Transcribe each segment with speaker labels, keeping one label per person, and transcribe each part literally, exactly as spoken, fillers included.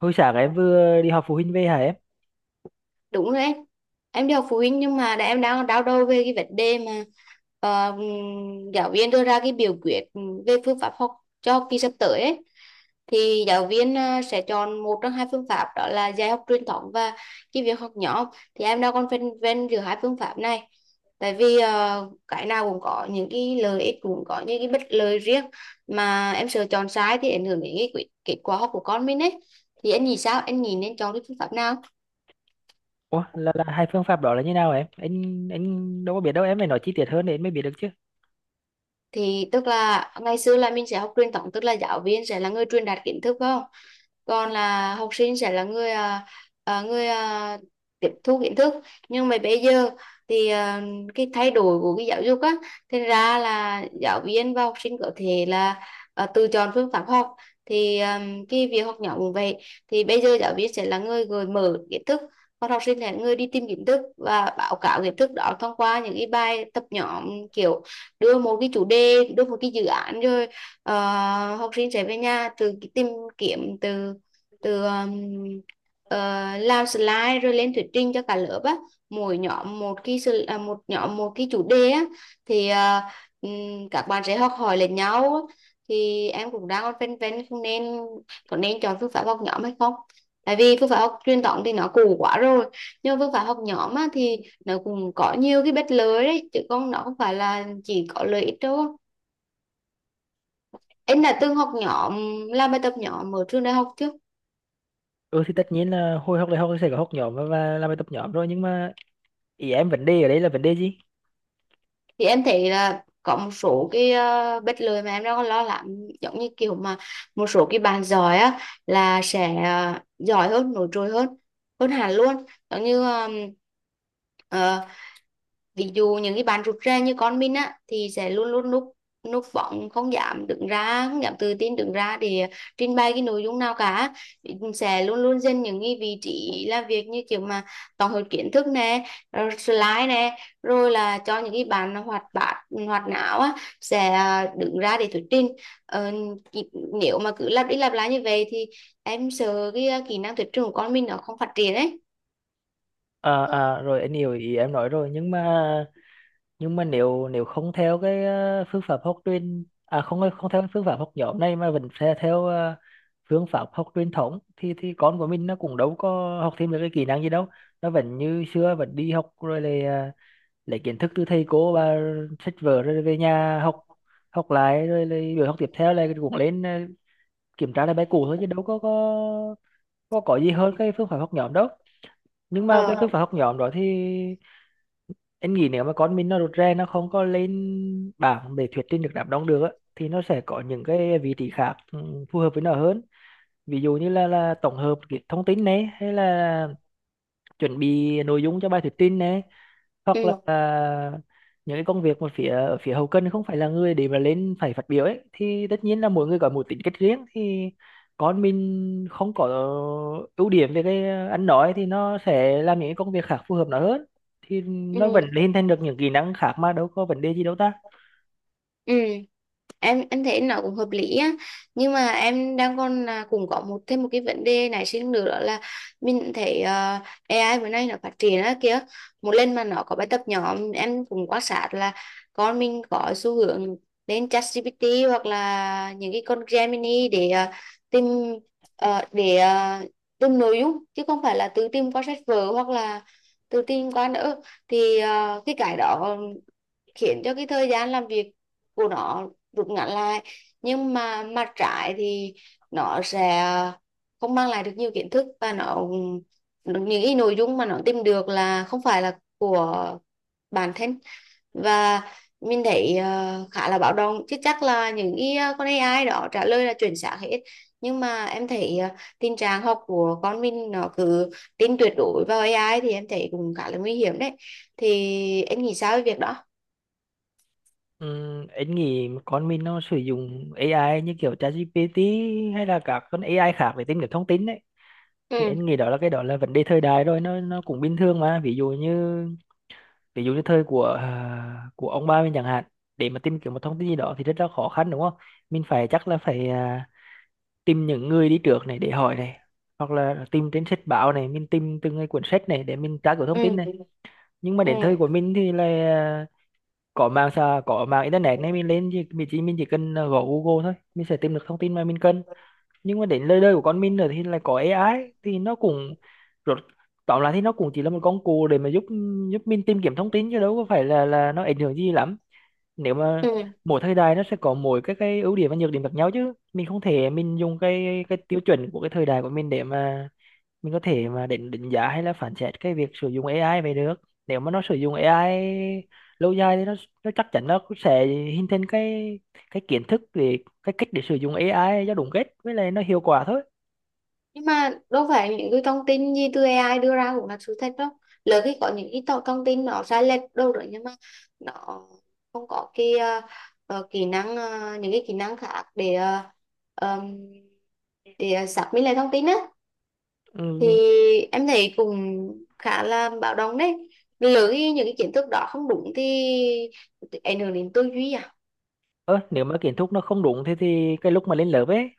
Speaker 1: Hồi sáng em vừa đi họp phụ huynh về hả em?
Speaker 2: Đúng rồi em em đi học phụ huynh, nhưng mà đã- em đang đau đầu về cái vấn đề mà ờ, giáo viên đưa ra cái biểu quyết về phương pháp học cho học kỳ sắp tới ấy. Thì giáo viên ờ, sẽ chọn một trong hai phương pháp, đó là dạy học truyền thống và cái việc học nhóm. Thì em đang còn phân vân giữa hai phương pháp này, tại vì ờ, cái nào cũng có những cái lợi ích, cũng có những cái bất lợi riêng, mà em sợ chọn sai thì ảnh hưởng đến cái quyết- kết quả học của con mình ấy. Thì anh nghĩ sao, anh nghĩ nên chọn cái phương pháp nào?
Speaker 1: Ủa, là, là hai phương pháp đó là như nào em? Anh anh đâu có biết đâu em, phải nói chi tiết hơn để em mới biết được chứ.
Speaker 2: Thì tức là ngày xưa là mình sẽ học truyền thống, tức là giáo viên sẽ là người truyền đạt kiến thức phải không, còn là học sinh sẽ là người, à, à, người à, tiếp thu kiến thức. Nhưng mà bây giờ thì à, cái thay đổi của cái giáo dục á, thành ra là giáo viên và học sinh có thể là à, tự chọn phương pháp học. Thì à, cái việc học nhóm cũng vậy, thì bây giờ giáo viên sẽ là người gợi mở kiến thức, còn học sinh là người đi tìm kiến thức và báo cáo kiến thức đó thông qua những cái bài tập nhóm. Kiểu đưa một cái chủ đề, đưa một cái dự án, rồi ờ, học sinh sẽ về nhà từ cái tìm kiếm từ từ um, ờ, làm slide rồi lên thuyết trình cho cả lớp á. Mỗi nhóm một cái à, một nhóm một cái chủ đề á, thì ờ, các bạn sẽ học hỏi lẫn nhau á. Thì em cũng đang còn phân vân không nên có nên chọn phương pháp học nhóm hay không, tại vì phương pháp học truyền thống thì nó cũ quá rồi, nhưng mà phương pháp học nhóm á, thì nó cũng có nhiều cái bet lưới đấy, chứ không, nó không phải là chỉ có lợi ích đâu. Em đã từng học nhóm, làm bài tập nhóm ở trường đại học chưa?
Speaker 1: Ừ thì tất nhiên là hồi học đại học thì sẽ có học nhóm và, và làm bài tập nhóm rồi, nhưng mà ý em vấn đề ở đây là vấn đề gì?
Speaker 2: Thì em thấy là có một số cái uh, bet lưới mà em đang lo lắng, giống như kiểu mà một số cái bạn giỏi á là sẽ ờ, giỏi hơn, nổi trội hơn hơn hẳn luôn. Giống như um, ví dụ những cái bạn rụt rè như con mình á thì sẽ luôn luôn núp núp bóng, không dám đứng ra không dám tự tin đứng ra để trình bày cái nội dung nào cả, sẽ luôn luôn dành những cái vị trí làm việc như kiểu mà tổng hợp kiến thức nè, rồi slide nè, rồi là cho những cái bạn hoạt bát, hoạt não á sẽ ờ, đứng ra để thuyết trình. ờ, Nếu mà cứ lặp đi lặp lại như vậy thì em sợ cái ờ, kỹ năng thuyết trình của con mình nó không phát triển đấy.
Speaker 1: À, à rồi anh hiểu ý em nói rồi, nhưng mà nhưng mà nếu nếu không theo cái ờ, phương pháp học truyền à không không theo cái phương pháp học nhóm này mà vẫn theo, theo ờ, phương pháp học truyền thống thì thì con của mình nó cũng đâu có học thêm được cái kỹ năng gì đâu, nó vẫn như xưa, vẫn đi học rồi lại ờ, lấy kiến thức từ thầy cô và sách vở rồi về nhà học, học lại, rồi lại buổi học tiếp theo là cũng lên ờ, kiểm tra lại bài cũ thôi, chứ đâu có có có có gì hơn cái phương pháp học nhóm đâu. Nhưng mà cái phương
Speaker 2: Ờ.
Speaker 1: pháp học nhóm đó thì em nghĩ nếu mà con mình nó rụt rè, nó không có lên bảng để thuyết trình được, đám đông được á, thì nó sẽ có những cái vị trí khác, ừ, phù hợp với nó hơn. Ví dụ như là là tổng hợp cái thông tin này, hay là chuẩn bị nội dung cho bài thuyết trình này, hoặc là
Speaker 2: Ừ,
Speaker 1: à, những cái công việc mà phía ở phía hậu cần, không phải là người để mà lên phải phát biểu ấy, thì tất nhiên là mỗi người có một tính cách riêng thì con mình không có ưu điểm về cái ăn nói thì nó sẽ làm những cái công việc khác phù hợp nó hơn, thì
Speaker 2: ừ,
Speaker 1: nó vẫn hình thành được những kỹ năng khác mà đâu có vấn đề gì đâu ta.
Speaker 2: ừ. Em em thấy nó cũng hợp lý á, nhưng mà em đang còn là cũng có một thêm một cái vấn đề nảy sinh nữa, đó là mình thấy ờ, a i bữa nay nó phát triển á kìa. Một lần mà nó có bài tập nhóm, em cũng quan sát là con mình có xu hướng đến ChatGPT hoặc là những cái con Gemini để ờ, tìm ờ, để ờ, tìm nội dung, chứ không phải là tự tìm qua sách vở hoặc là tự tìm qua nữa. Thì ờ, cái cái đó khiến cho cái thời gian làm việc của nó rút ngắn lại, nhưng mà mặt trái thì nó sẽ không mang lại được nhiều kiến thức, và nó, những cái nội dung mà nó tìm được là không phải là của bản thân. Và mình thấy ờ, khá là báo động, chứ chắc là những cái ờ, con a i đó trả lời là chuẩn xác hết, nhưng mà em thấy ờ, tình trạng học của con mình nó cứ tin tuyệt đối vào a i thì em thấy cũng khá là nguy hiểm đấy. Thì em nghĩ sao về việc đó?
Speaker 1: Ừm, anh nghĩ con mình nó sử dụng a i như kiểu ChatGPT hay là các con a i khác để tìm kiếm thông tin đấy, thì
Speaker 2: Ừ,
Speaker 1: anh nghĩ đó là cái đó là vấn đề thời đại rồi, nó nó cũng bình thường mà. Ví dụ như ví dụ như thời của à, của ông ba mình chẳng hạn, để mà tìm kiếm một thông tin gì đó thì rất là khó khăn, đúng không? Mình phải, chắc là phải à, tìm những người đi trước này để hỏi này, hoặc là tìm trên sách báo này, mình tìm từng cái cuốn sách này để mình tra cứu thông tin này.
Speaker 2: ừ,
Speaker 1: Nhưng mà
Speaker 2: ừ,
Speaker 1: đến thời của mình thì là à, có mạng xã có mạng internet này, mình lên thì mình chỉ mình chỉ cần à, gõ Google thôi, mình sẽ tìm được thông tin mà mình cần. Nhưng mà đến lời đời của con mình rồi thì lại có a i, thì nó cũng rốt tóm lại thì nó cũng chỉ là một công cụ để mà giúp giúp mình tìm kiếm thông tin, chứ đâu có phải là là nó ảnh hưởng gì lắm. Nếu mà
Speaker 2: ừ.
Speaker 1: mỗi thời đại nó sẽ có mỗi cái cái ưu điểm và nhược điểm khác nhau, chứ mình không thể mình dùng cái cái tiêu chuẩn của cái thời đại của mình để mà mình có thể mà định định giá hay là phán xét cái việc sử dụng a i về được. Nếu mà nó sử dụng a i lâu dài thì nó nó chắc chắn nó cũng sẽ hình thành cái cái kiến thức về cái cách để sử dụng a i cho đúng cách với lại nó hiệu quả thôi.
Speaker 2: Nhưng mà đâu phải những cái thông tin gì từ a i đưa ra cũng là sự thật đâu, lỡ khi có những cái thông thông tin nó sai lệch đâu rồi, nhưng mà nó không có cái ờ, ờ, kỹ năng ờ, những cái kỹ năng khác để ờ, ờm, để ờ, xác minh lại thông tin á. Thì
Speaker 1: Ừ.
Speaker 2: em thấy cũng khá là báo động đấy, lỡ khi những cái kiến thức đó không đúng thì thì ảnh hưởng đến tư duy à.
Speaker 1: Ơ, nếu mà kiến thức nó không đúng thì thì cái lúc mà lên lớp ấy,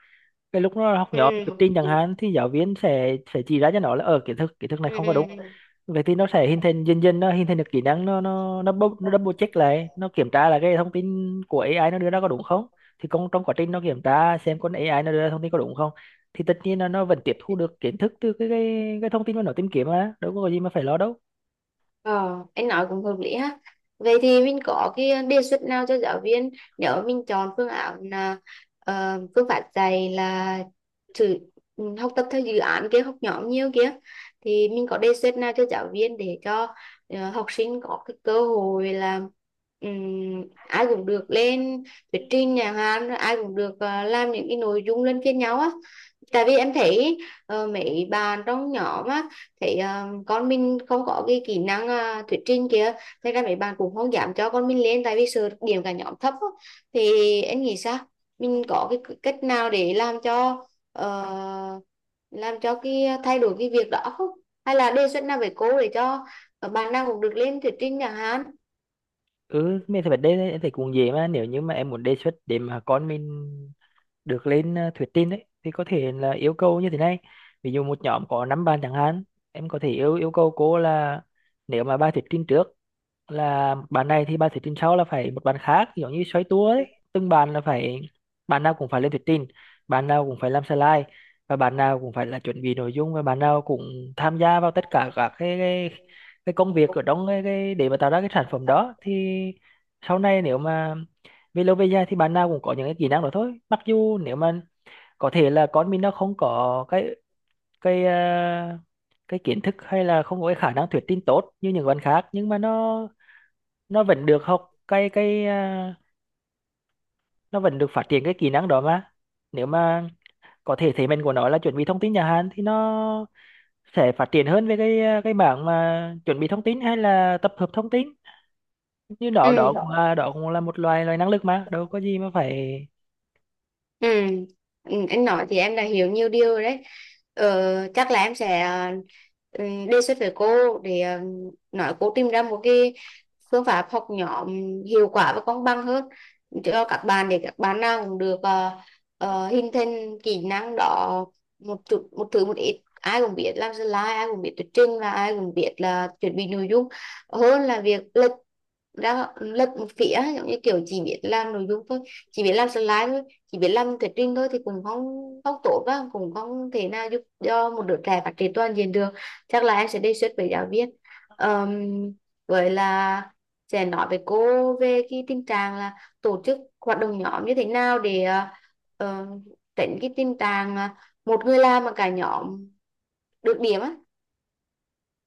Speaker 1: cái lúc nó học
Speaker 2: Ừ,
Speaker 1: nhóm thuyết trình chẳng hạn, thì giáo viên sẽ sẽ chỉ ra cho nó là ở kiến thức, kiến thức này
Speaker 2: ừ,
Speaker 1: không có đúng.
Speaker 2: ừ.
Speaker 1: Vậy thì nó sẽ hình thành, dần dần nó hình thành được kỹ năng, nó nó nó bou- nó double check lại, nó kiểm tra là cái thông tin của a i nó đưa ra có đúng không. Thì con trong quá trình nó kiểm tra xem con a i nó đưa ra thông tin có đúng không, thì tất nhiên là nó vẫn tiếp thu được kiến thức từ cái cái, cái thông tin mà nó tìm kiếm, mà đâu có gì mà phải lo đâu.
Speaker 2: Ờ, anh nói cũng hợp lý ha. Vậy thì mình có cái đề xuất nào cho giáo viên, nếu mà mình chọn phương án là ờ, phương pháp dạy là thử, ừ, học tập theo dự án kia, học nhóm nhiều kia, thì mình có đề xuất nào cho giáo viên để cho ờ, học sinh có cái cơ hội là ừm, ai cũng được lên thuyết trình nhà hàng, ai cũng được ờ, làm những cái nội dung luân phiên nhau á? Tại vì em thấy ờ, mấy bạn trong nhóm á thấy ờ, con mình không có cái kỹ năng ờ, thuyết trình kia, thế ra mấy bạn cũng không dám cho con mình lên, tại vì sợ điểm cả nhóm thấp á. Thì em nghĩ sao, mình có cái cách nào để làm cho ờ, làm cho cái ờ, thay đổi cái việc đó không, hay là đề xuất nào với cô để cho bạn nào cũng được lên thuyết trình chẳng hạn?
Speaker 1: Ừ, mình thì vấn đề này em thấy cũng dễ mà. Nếu như mà em muốn đề xuất để mà con mình được lên ờ, thuyết trình ấy thì có thể là yêu cầu như thế này: ví dụ một nhóm có năm bạn chẳng hạn, em có thể yêu yêu cầu cô là nếu mà bài thuyết trình trước là bàn này, thì bạn thuyết trình sau là phải một bàn khác, giống như xoay tua ấy, từng bàn là phải, bàn nào cũng phải lên thuyết trình, bàn nào cũng phải làm slide, và bàn nào cũng phải là chuẩn bị nội dung, và bàn nào cũng tham gia vào tất cả các cái cái, cái công việc ở trong cái, cái để mà tạo ra cái sản phẩm đó, thì sau này nếu mà về lâu về dài thì bạn nào cũng có những cái kỹ năng đó thôi. Mặc dù nếu mà có thể là con mình nó không có cái cái ờ, cái kiến thức hay là không có cái khả năng thuyết trình tốt như những bạn khác, nhưng mà nó nó vẫn được học cái cái à, nó vẫn được phát triển cái kỹ năng đó mà. Nếu mà có thể thế mạnh của nó là chuẩn bị thông tin nhà Hàn thì nó sẽ phát triển hơn về cái à, cái mảng mà chuẩn bị thông tin hay là tập hợp thông tin như đó.
Speaker 2: Ừ.
Speaker 1: Đó cũng là đó cũng là một loài loài năng lực, mà đâu có gì mà phải.
Speaker 2: Ừ. Ừ, anh nói thì em đã hiểu nhiều điều rồi đấy. Ờ, chắc là em sẽ ờ, ừ, đề xuất với cô để ờ, nói cô tìm ra một cái phương pháp học nhóm hiệu quả và công bằng hơn cho các bạn, để các bạn nào cũng được ờ, ờ, hình thành kỹ năng đó, một chút, một thứ, một ít, ai cũng biết làm slide, ai cũng biết thuyết trình, và ai cũng biết là chuẩn bị nội dung, hơn là việc ra lật một phía, giống như kiểu chỉ biết làm nội dung thôi, chỉ biết làm slide thôi, chỉ biết làm thuyết trình thôi, thì cũng không không tốt đó, cũng không thể nào giúp cho một đứa trẻ phát triển toàn diện được. Chắc là em sẽ đề xuất với giáo viên. Ờm, với là sẽ nói với cô về cái tình trạng là tổ chức hoạt động nhóm như thế nào để ờ, ờ, tránh cái tình trạng một người làm mà cả nhóm được điểm á,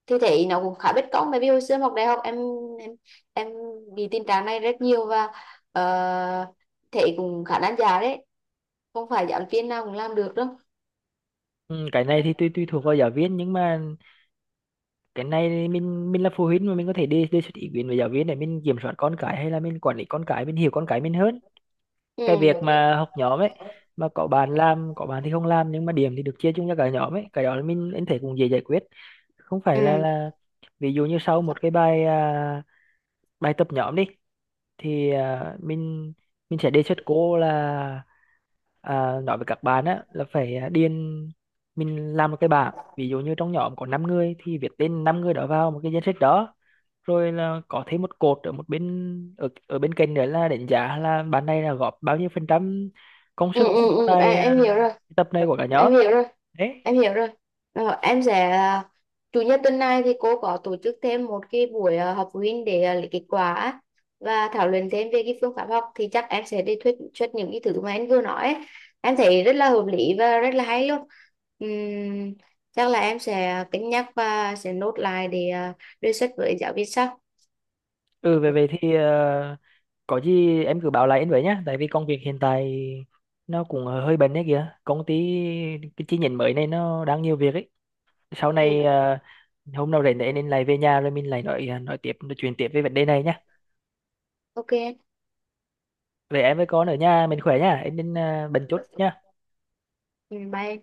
Speaker 2: thì thấy nó cũng khá bất công, bởi vì hồi xưa em học đại học em em em bị tình trạng này rất nhiều và uh, thấy cũng khá nan giải đấy, không phải giảng viên nào cũng làm được đâu.
Speaker 1: Ừ, cái này thì tùy tùy thuộc vào giáo viên, nhưng mà cái này thì mình mình là phụ huynh mà, mình có thể đi đề xuất ý kiến với giáo viên để mình kiểm soát con cái, hay là mình quản lý con cái, mình hiểu con cái mình hơn.
Speaker 2: Ừ.
Speaker 1: Cái việc
Speaker 2: Ừ,
Speaker 1: mà học nhóm ấy mà có bạn làm, có bạn thì không làm, nhưng mà điểm thì được chia chung cho cả nhóm ấy, cái đó là mình anh thấy cũng dễ giải quyết. Không
Speaker 2: ừ,
Speaker 1: phải là là ví dụ như sau một cái bài à, bài tập nhóm đi, thì à, mình mình sẽ đề xuất cô là à, nói với các bạn á là phải à, điền, mình làm một cái bảng, ví dụ như trong nhóm có năm người thì viết tên năm người đó vào một cái danh sách đó, rồi là có thêm một cột ở một bên, ở ở bên cạnh nữa là đánh giá là bạn này là góp bao nhiêu phần trăm công
Speaker 2: ừ,
Speaker 1: sức
Speaker 2: ừ,
Speaker 1: vào
Speaker 2: ừ. em,
Speaker 1: tại
Speaker 2: em
Speaker 1: à,
Speaker 2: hiểu rồi,
Speaker 1: tập này của cả
Speaker 2: em
Speaker 1: nhóm
Speaker 2: hiểu rồi,
Speaker 1: đấy.
Speaker 2: em hiểu rồi. Ờ, em sẽ, à, chủ nhật tuần này thì cô có tổ chức thêm một cái buổi à, họp phụ huynh để à, lấy kết quả á, và thảo luận thêm về cái phương pháp học, thì chắc em sẽ đi thuyết xuất những cái thứ mà em vừa nói ấy. Em thấy rất là hợp lý và rất là hay luôn. Ừm, Chắc là em sẽ cân nhắc và sẽ nốt lại để à, đề xuất với giáo viên sau.
Speaker 1: Ừ, về về thì à, có gì em cứ báo lại anh với nhá, tại vì công việc hiện tại nó cũng hơi bận đấy kìa, công ty cái chi nhánh mới này nó đang nhiều việc ấy. Sau
Speaker 2: Ừ,
Speaker 1: này à, hôm nào rảnh thì em nên lại về nhà rồi mình lại nói nói tiếp, nói chuyện tiếp về vấn đề này nhá.
Speaker 2: ok.
Speaker 1: Về em với con ở nhà mình khỏe nhá, em nên à, bận chút nhá.
Speaker 2: Ừ, bye em.